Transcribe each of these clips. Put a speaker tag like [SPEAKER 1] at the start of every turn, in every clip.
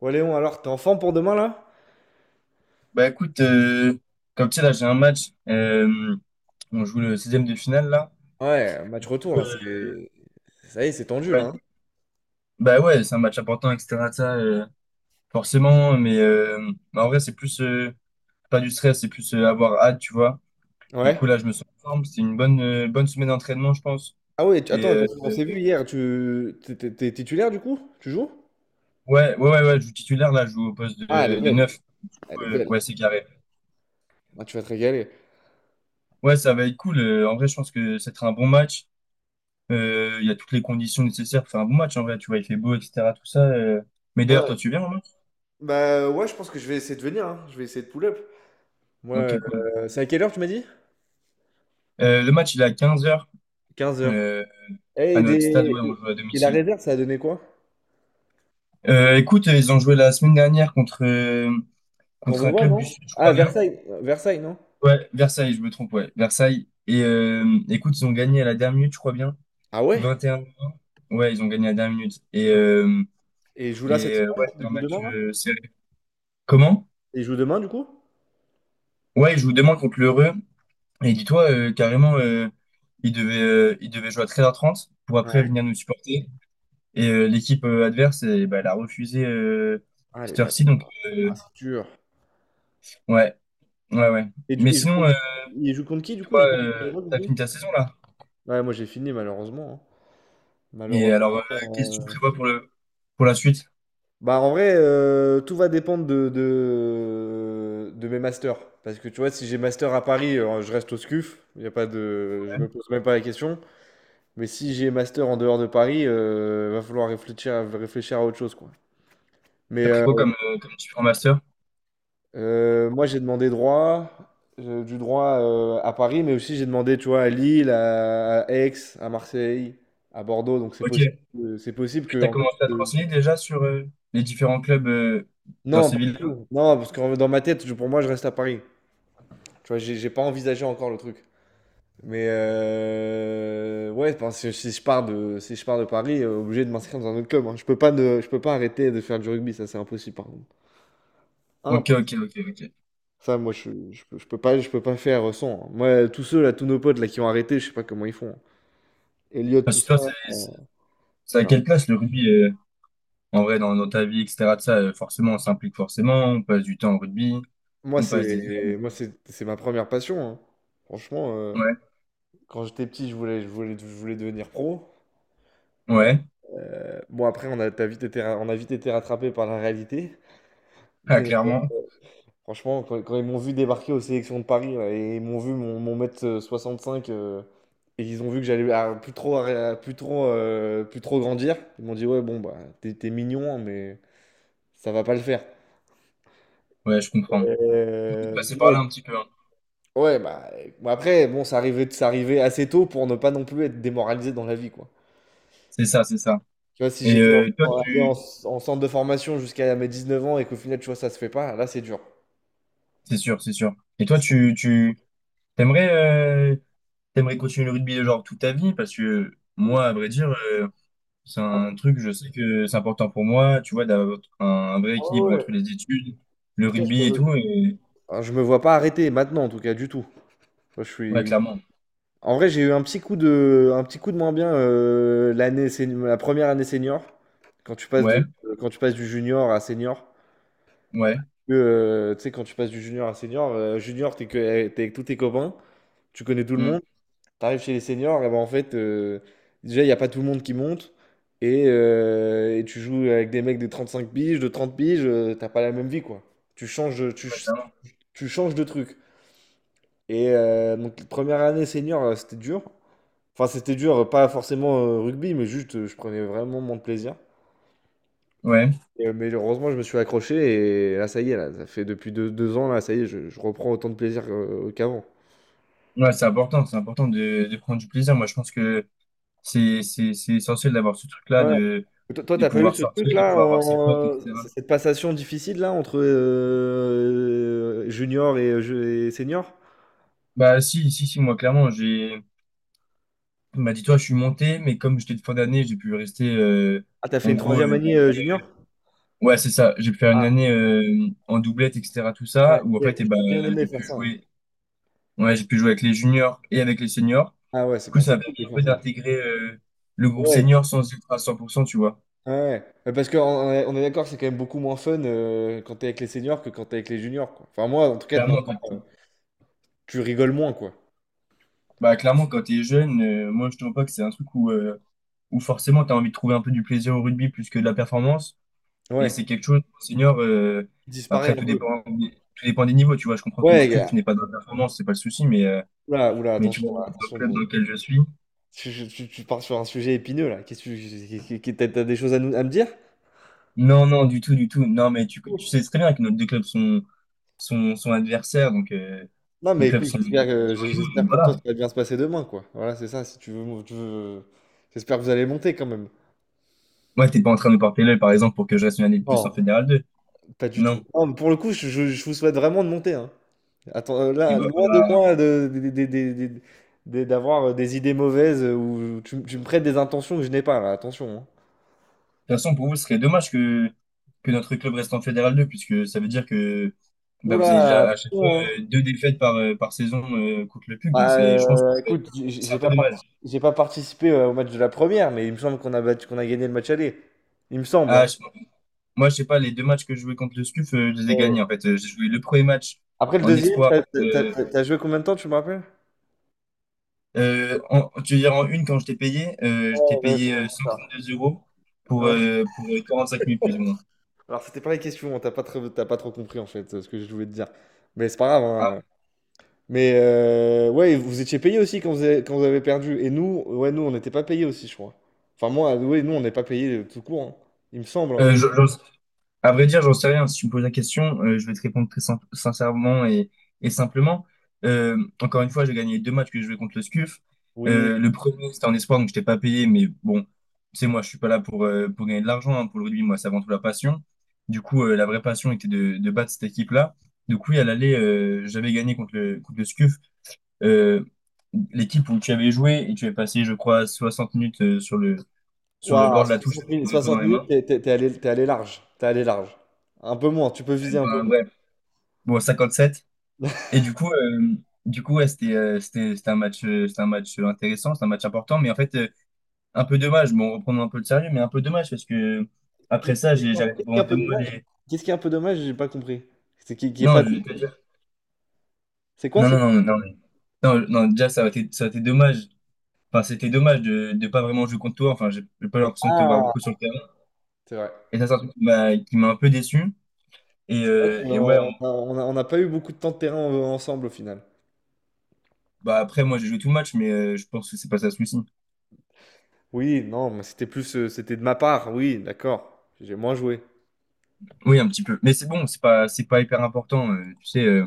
[SPEAKER 1] Ouais, Léon, alors, t'es en forme pour demain, là?
[SPEAKER 2] Bah écoute, comme tu sais, là j'ai un match, on joue le 16 de finale là.
[SPEAKER 1] Ouais, match retour
[SPEAKER 2] Euh,
[SPEAKER 1] là, c'est ça y est, c'est tendu là,
[SPEAKER 2] ouais.
[SPEAKER 1] hein.
[SPEAKER 2] Bah ouais, c'est un match important, etc. de ça, forcément, mais bah, en vrai c'est plus pas du stress, c'est plus avoir hâte, tu vois. Du
[SPEAKER 1] Ouais.
[SPEAKER 2] coup là je me sens en forme, c'était une bonne semaine d'entraînement je pense.
[SPEAKER 1] Ah ouais,
[SPEAKER 2] Et
[SPEAKER 1] attends,
[SPEAKER 2] euh,
[SPEAKER 1] parce qu'on s'est vu hier. Tu... T'es t'es- t'es- titulaire, du coup? Tu joues?
[SPEAKER 2] ouais, ouais, ouais, ouais, je joue titulaire là, je joue au poste
[SPEAKER 1] Ah, elle est
[SPEAKER 2] de
[SPEAKER 1] belle.
[SPEAKER 2] neuf.
[SPEAKER 1] Elle est
[SPEAKER 2] Ouais,
[SPEAKER 1] belle.
[SPEAKER 2] ouais, c'est carré.
[SPEAKER 1] Ah, tu vas te régaler.
[SPEAKER 2] Ouais, ça va être cool. En vrai je pense que ça sera un bon match. Il y a toutes les conditions nécessaires pour faire un bon match en vrai, tu vois, il fait beau, etc. Tout ça. Mais d'ailleurs,
[SPEAKER 1] Ouais.
[SPEAKER 2] toi, tu viens au match?
[SPEAKER 1] Bah ouais, je pense que je vais essayer de venir, hein. Je vais essayer de pull-up.
[SPEAKER 2] Ok,
[SPEAKER 1] Ouais,
[SPEAKER 2] cool.
[SPEAKER 1] c'est à quelle heure tu m'as dit?
[SPEAKER 2] Le match, il est à 15h
[SPEAKER 1] 15 heures. Eh,
[SPEAKER 2] à
[SPEAKER 1] et,
[SPEAKER 2] notre stade,
[SPEAKER 1] les-
[SPEAKER 2] ouais, on joue à
[SPEAKER 1] et- la
[SPEAKER 2] domicile.
[SPEAKER 1] réserve, ça a donné quoi?
[SPEAKER 2] Écoute, ils ont joué la semaine dernière contre un
[SPEAKER 1] Voit
[SPEAKER 2] club du
[SPEAKER 1] non?
[SPEAKER 2] Sud, je
[SPEAKER 1] Ah,
[SPEAKER 2] crois bien.
[SPEAKER 1] Versailles, non?
[SPEAKER 2] Ouais, Versailles, je me trompe, ouais, Versailles. Et écoute, ils ont gagné à la dernière minute, je crois bien.
[SPEAKER 1] Ah ouais?
[SPEAKER 2] 21. Ouais, ils ont gagné à la dernière minute. Et, euh,
[SPEAKER 1] Et il joue là cette
[SPEAKER 2] et euh,
[SPEAKER 1] semaine?
[SPEAKER 2] ouais, c'est
[SPEAKER 1] Il
[SPEAKER 2] un
[SPEAKER 1] joue
[SPEAKER 2] match
[SPEAKER 1] demain, là?
[SPEAKER 2] serré. Comment?
[SPEAKER 1] Et il joue demain, du coup?
[SPEAKER 2] Ouais, ils jouent demain contre l'Heureux. Et dis-toi, carrément, il devait jouer à 13h30 pour après
[SPEAKER 1] Ouais.
[SPEAKER 2] venir nous supporter. Et l'équipe adverse, eh ben, elle a refusé
[SPEAKER 1] Ah, les
[SPEAKER 2] cette
[SPEAKER 1] bâtards.
[SPEAKER 2] heure-ci. Donc,
[SPEAKER 1] Ah, c'est dur.
[SPEAKER 2] ouais, ouais, ouais.
[SPEAKER 1] Et du
[SPEAKER 2] Mais
[SPEAKER 1] il joue
[SPEAKER 2] sinon,
[SPEAKER 1] contre Il joue contre qui, du coup?
[SPEAKER 2] toi,
[SPEAKER 1] J'ai pas
[SPEAKER 2] t'as
[SPEAKER 1] compris.
[SPEAKER 2] fini ta saison là.
[SPEAKER 1] Ouais, moi j'ai fini malheureusement, hein.
[SPEAKER 2] Et
[SPEAKER 1] Malheureusement,
[SPEAKER 2] alors, qu'est-ce que tu
[SPEAKER 1] heu,
[SPEAKER 2] prévois pour la suite?
[SPEAKER 1] bah, en vrai, tout va dépendre de mes masters. Parce que tu vois, si j'ai master à Paris, je reste au SCUF, il y a pas de je me pose même pas la question. Mais si j'ai master en dehors de Paris, va falloir réfléchir à autre chose, quoi. Mais
[SPEAKER 2] T'as pris quoi comme différents masters?
[SPEAKER 1] Moi, j'ai demandé droit, du droit à Paris, mais aussi j'ai demandé, tu vois, à Lille, à Aix, à Marseille, à Bordeaux. Donc c'est possible,
[SPEAKER 2] Ok.
[SPEAKER 1] c'est possible que
[SPEAKER 2] T'as
[SPEAKER 1] en fait,
[SPEAKER 2] commencé à te renseigner déjà sur les différents clubs dans
[SPEAKER 1] non,
[SPEAKER 2] ces
[SPEAKER 1] pas du
[SPEAKER 2] villes-là?
[SPEAKER 1] tout. Non, parce que dans ma tête, pour moi, je reste à Paris. Tu vois, j'ai pas envisagé encore le truc. Mais ouais, enfin, si, si je pars de Paris, obligé de m'inscrire dans un autre club, hein. Je peux pas, je peux pas arrêter de faire du rugby, ça c'est impossible par
[SPEAKER 2] Ok,
[SPEAKER 1] contre.
[SPEAKER 2] ok, ok, ok.
[SPEAKER 1] Ça, moi, je peux pas faire sans, hein. Moi, tous ceux, là, tous nos potes, là, qui ont arrêté, je sais pas comment ils font, hein. Elliot, tout
[SPEAKER 2] Parce que
[SPEAKER 1] ça.
[SPEAKER 2] toi, c'est
[SPEAKER 1] euh,
[SPEAKER 2] c'est à
[SPEAKER 1] Ça.
[SPEAKER 2] quelle place le rugby? En vrai, dans ta vie, etc., de ça, forcément, on s'implique forcément, on passe du temps au rugby,
[SPEAKER 1] Moi,
[SPEAKER 2] on passe des
[SPEAKER 1] c'est,
[SPEAKER 2] heures.
[SPEAKER 1] moi, c'est ma première passion, hein. Franchement,
[SPEAKER 2] Ouais,
[SPEAKER 1] quand j'étais petit, je voulais devenir pro. Euh,
[SPEAKER 2] ouais,
[SPEAKER 1] bon, après, t'as vite été, on a vite été rattrapé par la réalité.
[SPEAKER 2] ah,
[SPEAKER 1] Mais
[SPEAKER 2] clairement.
[SPEAKER 1] franchement, quand ils m'ont vu débarquer aux sélections de Paris là, et ils m'ont vu mon, mon mètre cinq, et ils ont vu que j'allais plus trop grandir, ils m'ont dit ouais bon bah t'es mignon hein, mais ça va pas le faire.
[SPEAKER 2] Ouais, je comprends. Faut passer par
[SPEAKER 1] Ouais,
[SPEAKER 2] là un petit peu. Hein.
[SPEAKER 1] ouais, bah bon, après bon ça arrivait assez tôt pour ne pas non plus être démoralisé dans la vie, quoi.
[SPEAKER 2] C'est ça, c'est ça.
[SPEAKER 1] Tu vois, si
[SPEAKER 2] Et
[SPEAKER 1] j'étais
[SPEAKER 2] euh, toi,
[SPEAKER 1] allé
[SPEAKER 2] tu...
[SPEAKER 1] en centre de formation jusqu'à mes 19 ans et qu'au final tu vois ça se fait pas, là c'est dur.
[SPEAKER 2] C'est sûr, c'est sûr. Et toi, tu... T'aimerais, euh, t'aimerais continuer le rugby, genre, toute ta vie? Parce que
[SPEAKER 1] Ou-
[SPEAKER 2] moi, à vrai dire, c'est
[SPEAKER 1] Ah,
[SPEAKER 2] un truc, je sais que c'est important pour moi, tu vois, d'avoir un vrai
[SPEAKER 1] ah
[SPEAKER 2] équilibre
[SPEAKER 1] ouais, ouais.
[SPEAKER 2] entre
[SPEAKER 1] En
[SPEAKER 2] les études, le
[SPEAKER 1] tout cas
[SPEAKER 2] rugby et tout. Et...
[SPEAKER 1] je me vois pas arrêter maintenant en tout cas du tout. Moi, je
[SPEAKER 2] Ouais,
[SPEAKER 1] suis...
[SPEAKER 2] clairement.
[SPEAKER 1] En vrai, j'ai eu un petit coup de, un petit coup de moins bien, l'année, la première année senior, quand tu passes de,
[SPEAKER 2] Ouais,
[SPEAKER 1] quand tu passes du junior à senior.
[SPEAKER 2] ouais.
[SPEAKER 1] Tu sais, quand tu passes du junior à senior, junior, t'es avec tous tes copains, tu connais tout le
[SPEAKER 2] Hmm,
[SPEAKER 1] monde, t'arrives chez les seniors, et ben en fait, déjà, il n'y a pas tout le monde qui monte, et tu joues avec des mecs de 35 piges, de 30 piges, t'as pas la même vie, quoi. Tu changes,
[SPEAKER 2] clairement.
[SPEAKER 1] tu changes de truc. Et donc, première année senior, c'était dur. Enfin, c'était dur, pas forcément, rugby, mais juste, je prenais vraiment mon plaisir.
[SPEAKER 2] Ouais.
[SPEAKER 1] Et, mais heureusement, je me suis accroché et là, ça y est, là, ça fait depuis deux, deux ans, là, ça y est, je reprends autant de plaisir, qu'avant.
[SPEAKER 2] Ouais, c'est important de prendre du plaisir. Moi, je pense que c'est essentiel d'avoir ce truc-là,
[SPEAKER 1] Ouais. Toi, toi,
[SPEAKER 2] de
[SPEAKER 1] t'as pas eu
[SPEAKER 2] pouvoir
[SPEAKER 1] ce
[SPEAKER 2] sortir, de
[SPEAKER 1] truc-là,
[SPEAKER 2] pouvoir voir ses potes, etc.
[SPEAKER 1] cette passation difficile, là, entre junior et, et senior?
[SPEAKER 2] Bah, si, si, si, moi, clairement, j'ai, bah, dis-toi, je suis monté, mais comme j'étais de fin d'année, j'ai pu rester,
[SPEAKER 1] Ah, t'as fait
[SPEAKER 2] en
[SPEAKER 1] une
[SPEAKER 2] gros,
[SPEAKER 1] troisième
[SPEAKER 2] une
[SPEAKER 1] année,
[SPEAKER 2] année-
[SPEAKER 1] junior?
[SPEAKER 2] ouais, c'est ça, j'ai pu faire une
[SPEAKER 1] Ah,
[SPEAKER 2] année, en doublette, etc., tout
[SPEAKER 1] ah,
[SPEAKER 2] ça,
[SPEAKER 1] ok,
[SPEAKER 2] où en
[SPEAKER 1] moi,
[SPEAKER 2] fait, eh ben,
[SPEAKER 1] j'ai bien aimé
[SPEAKER 2] j'ai
[SPEAKER 1] faire
[SPEAKER 2] pu
[SPEAKER 1] ça, hein.
[SPEAKER 2] jouer, ouais, j'ai pu jouer avec les juniors et avec les seniors.
[SPEAKER 1] Ah ouais, c'est
[SPEAKER 2] Du coup,
[SPEAKER 1] bah,
[SPEAKER 2] ça
[SPEAKER 1] c'est
[SPEAKER 2] m'a
[SPEAKER 1] cool
[SPEAKER 2] permis
[SPEAKER 1] de
[SPEAKER 2] un peu
[SPEAKER 1] faire ça.
[SPEAKER 2] d'intégrer, le groupe
[SPEAKER 1] Ouais,
[SPEAKER 2] senior sans être à 100% tu vois.
[SPEAKER 1] ouais, ouais, mais parce qu'on est d'accord, c'est quand même beaucoup moins fun, quand t'es avec les seniors que quand t'es avec les juniors, quoi. Enfin, moi, en tout cas, de ma part,
[SPEAKER 2] Clairement,
[SPEAKER 1] tu rigoles moins, quoi.
[SPEAKER 2] bah, clairement, quand t'es jeune, moi, je trouve pas que c'est un truc où forcément t'as envie de trouver un peu du plaisir au rugby plus que de la performance. Et
[SPEAKER 1] Ouais.
[SPEAKER 2] c'est quelque chose, senior,
[SPEAKER 1] Il
[SPEAKER 2] après,
[SPEAKER 1] disparaît un peu.
[SPEAKER 2] tout dépend des niveaux, tu vois. Je comprends que le
[SPEAKER 1] Ouais, gars.
[SPEAKER 2] SCUF n'est pas de la performance, c'est pas le souci,
[SPEAKER 1] Oula, oula,
[SPEAKER 2] mais tu
[SPEAKER 1] attention,
[SPEAKER 2] vois, dans le
[SPEAKER 1] attention.
[SPEAKER 2] club dans
[SPEAKER 1] Bon.
[SPEAKER 2] lequel je suis.
[SPEAKER 1] Tu pars sur un sujet épineux, là. Qu'est-ce que t'as des choses à nous, à me dire?
[SPEAKER 2] Non, non, du tout, du tout. Non, mais tu sais très bien que nos deux clubs sont adversaires, donc,
[SPEAKER 1] Non,
[SPEAKER 2] nos
[SPEAKER 1] mais
[SPEAKER 2] clubs
[SPEAKER 1] écoute,
[SPEAKER 2] sont rivaux,
[SPEAKER 1] j'espère
[SPEAKER 2] donc
[SPEAKER 1] pour toi que
[SPEAKER 2] voilà.
[SPEAKER 1] ça va bien se passer demain, quoi. Voilà, c'est ça, si tu veux, tu veux... J'espère que vous allez monter, quand même.
[SPEAKER 2] Moi, t'es pas en train de me porter l'œil, par exemple, pour que je reste une année de plus en
[SPEAKER 1] Non,
[SPEAKER 2] Fédéral 2.
[SPEAKER 1] pas du tout.
[SPEAKER 2] Non.
[SPEAKER 1] Non, mais pour le coup, je vous souhaite vraiment de monter, hein. Attends,
[SPEAKER 2] Et
[SPEAKER 1] là,
[SPEAKER 2] bah,
[SPEAKER 1] loin de
[SPEAKER 2] faudra,
[SPEAKER 1] moi d'avoir des idées mauvaises, ou tu me prêtes des intentions que je n'ai pas, là, attention, hein.
[SPEAKER 2] toute façon, pour vous, ce serait dommage que notre club reste en Fédéral 2, puisque ça veut dire que bah, vous avez
[SPEAKER 1] Oula,
[SPEAKER 2] déjà à
[SPEAKER 1] attention,
[SPEAKER 2] chaque fois
[SPEAKER 1] hein.
[SPEAKER 2] deux défaites par saison contre le PUC. Donc,
[SPEAKER 1] Bah,
[SPEAKER 2] c'est, je pense que c'est
[SPEAKER 1] écoute,
[SPEAKER 2] c'est
[SPEAKER 1] j'ai
[SPEAKER 2] un peu
[SPEAKER 1] pas,
[SPEAKER 2] dommage.
[SPEAKER 1] j'ai pas participé, au match de la première, mais il me semble qu'on a battu, qu'on a gagné le match aller. Il me semble, hein.
[SPEAKER 2] Ah, moi, je sais pas, les deux matchs que je jouais contre le SCUF, je les ai
[SPEAKER 1] Ouais.
[SPEAKER 2] gagnés. En fait, j'ai joué le premier match
[SPEAKER 1] Après le
[SPEAKER 2] en
[SPEAKER 1] deuxième,
[SPEAKER 2] espoir. Euh,
[SPEAKER 1] t'as joué combien de temps, tu me rappelles?
[SPEAKER 2] en, tu veux dire, en une, quand je t'ai
[SPEAKER 1] Ouais, ouais, c'est
[SPEAKER 2] payé
[SPEAKER 1] vraiment ça.
[SPEAKER 2] 132 €
[SPEAKER 1] Ouais.
[SPEAKER 2] pour 45 minutes, plus ou moins.
[SPEAKER 1] Alors, c'était pas la question, hein, t'as pas, t'as pas trop compris en fait, ce que je voulais te dire. Mais c'est pas grave, hein.
[SPEAKER 2] Ah,
[SPEAKER 1] Mais ouais, vous étiez payé aussi quand vous avez perdu. Et nous, ouais, nous, on n'était pas payé aussi, je crois. Enfin, moi, ouais, nous, on n'est pas payé tout court, hein. Il me semble, hein.
[SPEAKER 2] j'en à vrai dire, j'en sais rien. Si tu me poses la question, je vais te répondre très sincèrement et simplement. Euh, encore une fois, j'ai gagné les deux matchs que je jouais contre le SCUF.
[SPEAKER 1] Oui.
[SPEAKER 2] Le premier, c'était en espoir, donc je t'ai pas payé, mais bon, tu sais, moi, je suis pas là pour, gagner de l'argent. Hein. Pour le rugby, moi, c'est avant tout la passion. Du coup, la vraie passion était de battre cette équipe-là. Du coup, elle allait, j'avais gagné contre le SCUF, euh, l'équipe où tu avais joué et tu avais passé, je crois, 60 minutes sur le
[SPEAKER 1] Waouh,
[SPEAKER 2] bord de la touche
[SPEAKER 1] 60
[SPEAKER 2] avec le
[SPEAKER 1] minutes,
[SPEAKER 2] drapeau dans
[SPEAKER 1] 60
[SPEAKER 2] les
[SPEAKER 1] minutes,
[SPEAKER 2] mains.
[SPEAKER 1] t'es allé large. T'es allé large. Un peu moins, tu peux viser un peu
[SPEAKER 2] Enfin,
[SPEAKER 1] moins.
[SPEAKER 2] bref, bon, 57. Et du coup, ouais, c'était c'était un match intéressant, c'est un match important, mais en fait, un peu dommage. Bon, reprenons un peu le sérieux, mais un peu dommage parce que après ça,
[SPEAKER 1] Qu'est-ce
[SPEAKER 2] j'arrêté
[SPEAKER 1] qui est
[SPEAKER 2] pendant
[SPEAKER 1] un
[SPEAKER 2] deux
[SPEAKER 1] peu
[SPEAKER 2] mois
[SPEAKER 1] dommage?
[SPEAKER 2] les.
[SPEAKER 1] Qu'est-ce qui est un peu dommage? J'ai pas compris. C'est qui est pas.
[SPEAKER 2] Non, je vais te dire.
[SPEAKER 1] C'est quoi?
[SPEAKER 2] Non,
[SPEAKER 1] C'est
[SPEAKER 2] non,
[SPEAKER 1] quoi?
[SPEAKER 2] non, non, non, non, non, déjà, ça a été dommage. Enfin, c'était dommage de pas vraiment jouer contre toi. Enfin, j'ai pas l'impression de te voir
[SPEAKER 1] Ah,
[SPEAKER 2] beaucoup sur le terrain.
[SPEAKER 1] c'est vrai.
[SPEAKER 2] Et ça, c'est un truc qui m'a un peu déçu.
[SPEAKER 1] C'est vrai qu'
[SPEAKER 2] Et ouais, on-
[SPEAKER 1] on n'a pas eu beaucoup de temps de terrain ensemble au final.
[SPEAKER 2] bah après, moi, j'ai joué tout le match, mais je pense que c'est pas ça le souci.
[SPEAKER 1] Oui, non, mais c'était plus, c'était de ma part. Oui, d'accord. J'ai moins joué.
[SPEAKER 2] Oui, un petit peu. Mais c'est bon, c'est pas hyper important. Tu sais,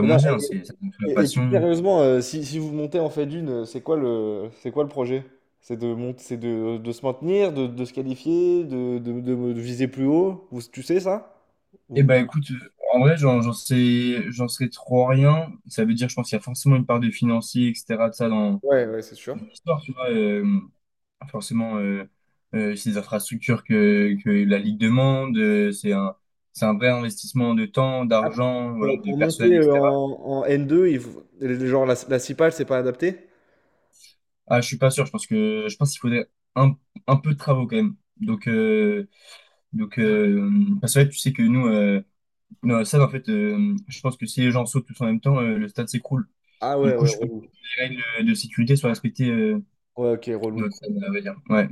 [SPEAKER 1] Et
[SPEAKER 2] on
[SPEAKER 1] non,
[SPEAKER 2] dit, hein, c'est ça nous fait
[SPEAKER 1] et,
[SPEAKER 2] la
[SPEAKER 1] et plus
[SPEAKER 2] passion.
[SPEAKER 1] sérieusement, si, si vous montez en fait d'une, c'est quoi le projet? C'est de monter, c'est de se maintenir, de se qualifier, de, de viser plus haut. Vous, tu sais ça?
[SPEAKER 2] Eh
[SPEAKER 1] Ou-
[SPEAKER 2] ben écoute, en vrai, j'en sais trop rien. Ça veut dire, je pense qu'il y a forcément une part de financier, etc. de ça dans
[SPEAKER 1] Ouais, ouais, c'est sûr.
[SPEAKER 2] l'histoire, tu vois. Forcément, ces infrastructures que la Ligue demande, c'est un vrai investissement de temps,
[SPEAKER 1] Ah,
[SPEAKER 2] d'argent, voilà, de
[SPEAKER 1] pour monter,
[SPEAKER 2] personnel, etc.
[SPEAKER 1] en, en n deux, genre la, la CIPAL, c'est pas adapté?
[SPEAKER 2] Ah, je suis pas sûr. Je pense que je pense qu'il faudrait un, peu de travaux quand même. Donc, donc euh, parce que ouais, tu sais que nous, non, ça, en fait, je pense que si les gens sautent tous en même temps, le stade s'écroule.
[SPEAKER 1] Ah
[SPEAKER 2] Du
[SPEAKER 1] ouais,
[SPEAKER 2] coup,
[SPEAKER 1] ouais,
[SPEAKER 2] je pense
[SPEAKER 1] relou.
[SPEAKER 2] que les règles de sécurité sont respectées
[SPEAKER 1] Ouais, ok,
[SPEAKER 2] dans
[SPEAKER 1] relou.
[SPEAKER 2] le stade, à vrai dire. Ouais.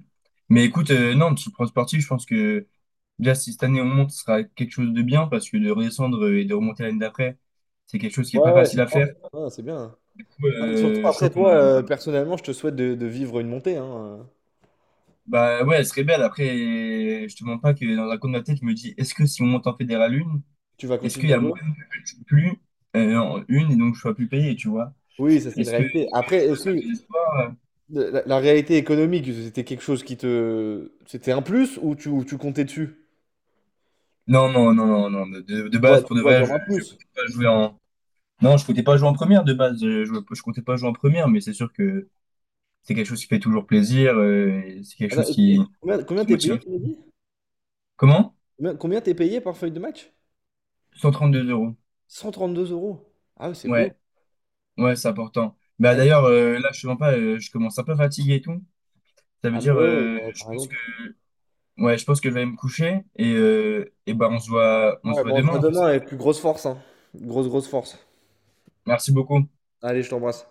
[SPEAKER 2] Mais écoute, non, sur le plan sportif, je pense que déjà, si cette année on monte, ce sera quelque chose de bien parce que de redescendre et de remonter l'année d'après, c'est quelque chose qui est pas
[SPEAKER 1] Ouais, ouais,
[SPEAKER 2] facile
[SPEAKER 1] c'est
[SPEAKER 2] à faire.
[SPEAKER 1] fort.
[SPEAKER 2] Du
[SPEAKER 1] Ouais, c'est bien, hein.
[SPEAKER 2] coup,
[SPEAKER 1] Non, mais surtout
[SPEAKER 2] je
[SPEAKER 1] après
[SPEAKER 2] trouve qu'on
[SPEAKER 1] toi,
[SPEAKER 2] a.
[SPEAKER 1] personnellement, je te souhaite de vivre une montée, hein.
[SPEAKER 2] Bah ouais, elle serait belle. Après, je te mens pas que dans un coin de ma tête, je me dis, est-ce que si on monte en fédéral une,
[SPEAKER 1] Tu vas
[SPEAKER 2] est-ce qu'il
[SPEAKER 1] continuer
[SPEAKER 2] y
[SPEAKER 1] à
[SPEAKER 2] a
[SPEAKER 1] jouer?
[SPEAKER 2] moyen que je joue plus en une et donc je sois plus payé, tu vois?
[SPEAKER 1] Oui, ça c'est une réalité.
[SPEAKER 2] Est-ce que
[SPEAKER 1] Après,
[SPEAKER 2] je vois
[SPEAKER 1] est-ce
[SPEAKER 2] ça avec
[SPEAKER 1] que...
[SPEAKER 2] les espoirs?
[SPEAKER 1] La réalité économique, c'était quelque chose qui te... C'était un plus ou tu comptais dessus?
[SPEAKER 2] Non, non, non, non, non. De base,
[SPEAKER 1] Tu
[SPEAKER 2] pour de
[SPEAKER 1] vois
[SPEAKER 2] vrai,
[SPEAKER 1] comme un
[SPEAKER 2] je
[SPEAKER 1] plus.
[SPEAKER 2] comptais pas jouer en. Non, je comptais pas jouer en première de base. Je comptais pas jouer en première, mais c'est sûr que c'est quelque chose qui fait toujours plaisir. Et c'est quelque
[SPEAKER 1] Attends,
[SPEAKER 2] chose
[SPEAKER 1] et combien, combien
[SPEAKER 2] qui
[SPEAKER 1] t'es
[SPEAKER 2] motive. Un
[SPEAKER 1] payé,
[SPEAKER 2] petit
[SPEAKER 1] tu m'as
[SPEAKER 2] peu.
[SPEAKER 1] dit?
[SPEAKER 2] Comment?
[SPEAKER 1] Combien, combien t'es payé par feuille de match?
[SPEAKER 2] 132 euros.
[SPEAKER 1] 132 euros. Ah oui, c'est beau.
[SPEAKER 2] Ouais, ouais, c'est important. Bah
[SPEAKER 1] Ah,
[SPEAKER 2] d'ailleurs, là, je te mens pas, je commence un peu fatigué et tout. Ça veut
[SPEAKER 1] ah bah
[SPEAKER 2] dire,
[SPEAKER 1] ouais, ouais, ouais, par exemple.
[SPEAKER 2] je pense que je vais aller me coucher et bah on se
[SPEAKER 1] Ouais,
[SPEAKER 2] voit
[SPEAKER 1] bon, on se
[SPEAKER 2] demain,
[SPEAKER 1] voit
[SPEAKER 2] on fait
[SPEAKER 1] demain
[SPEAKER 2] ça.
[SPEAKER 1] avec plus grosse force, hein. Grosse, grosse force.
[SPEAKER 2] Merci beaucoup.
[SPEAKER 1] Allez, je t'embrasse.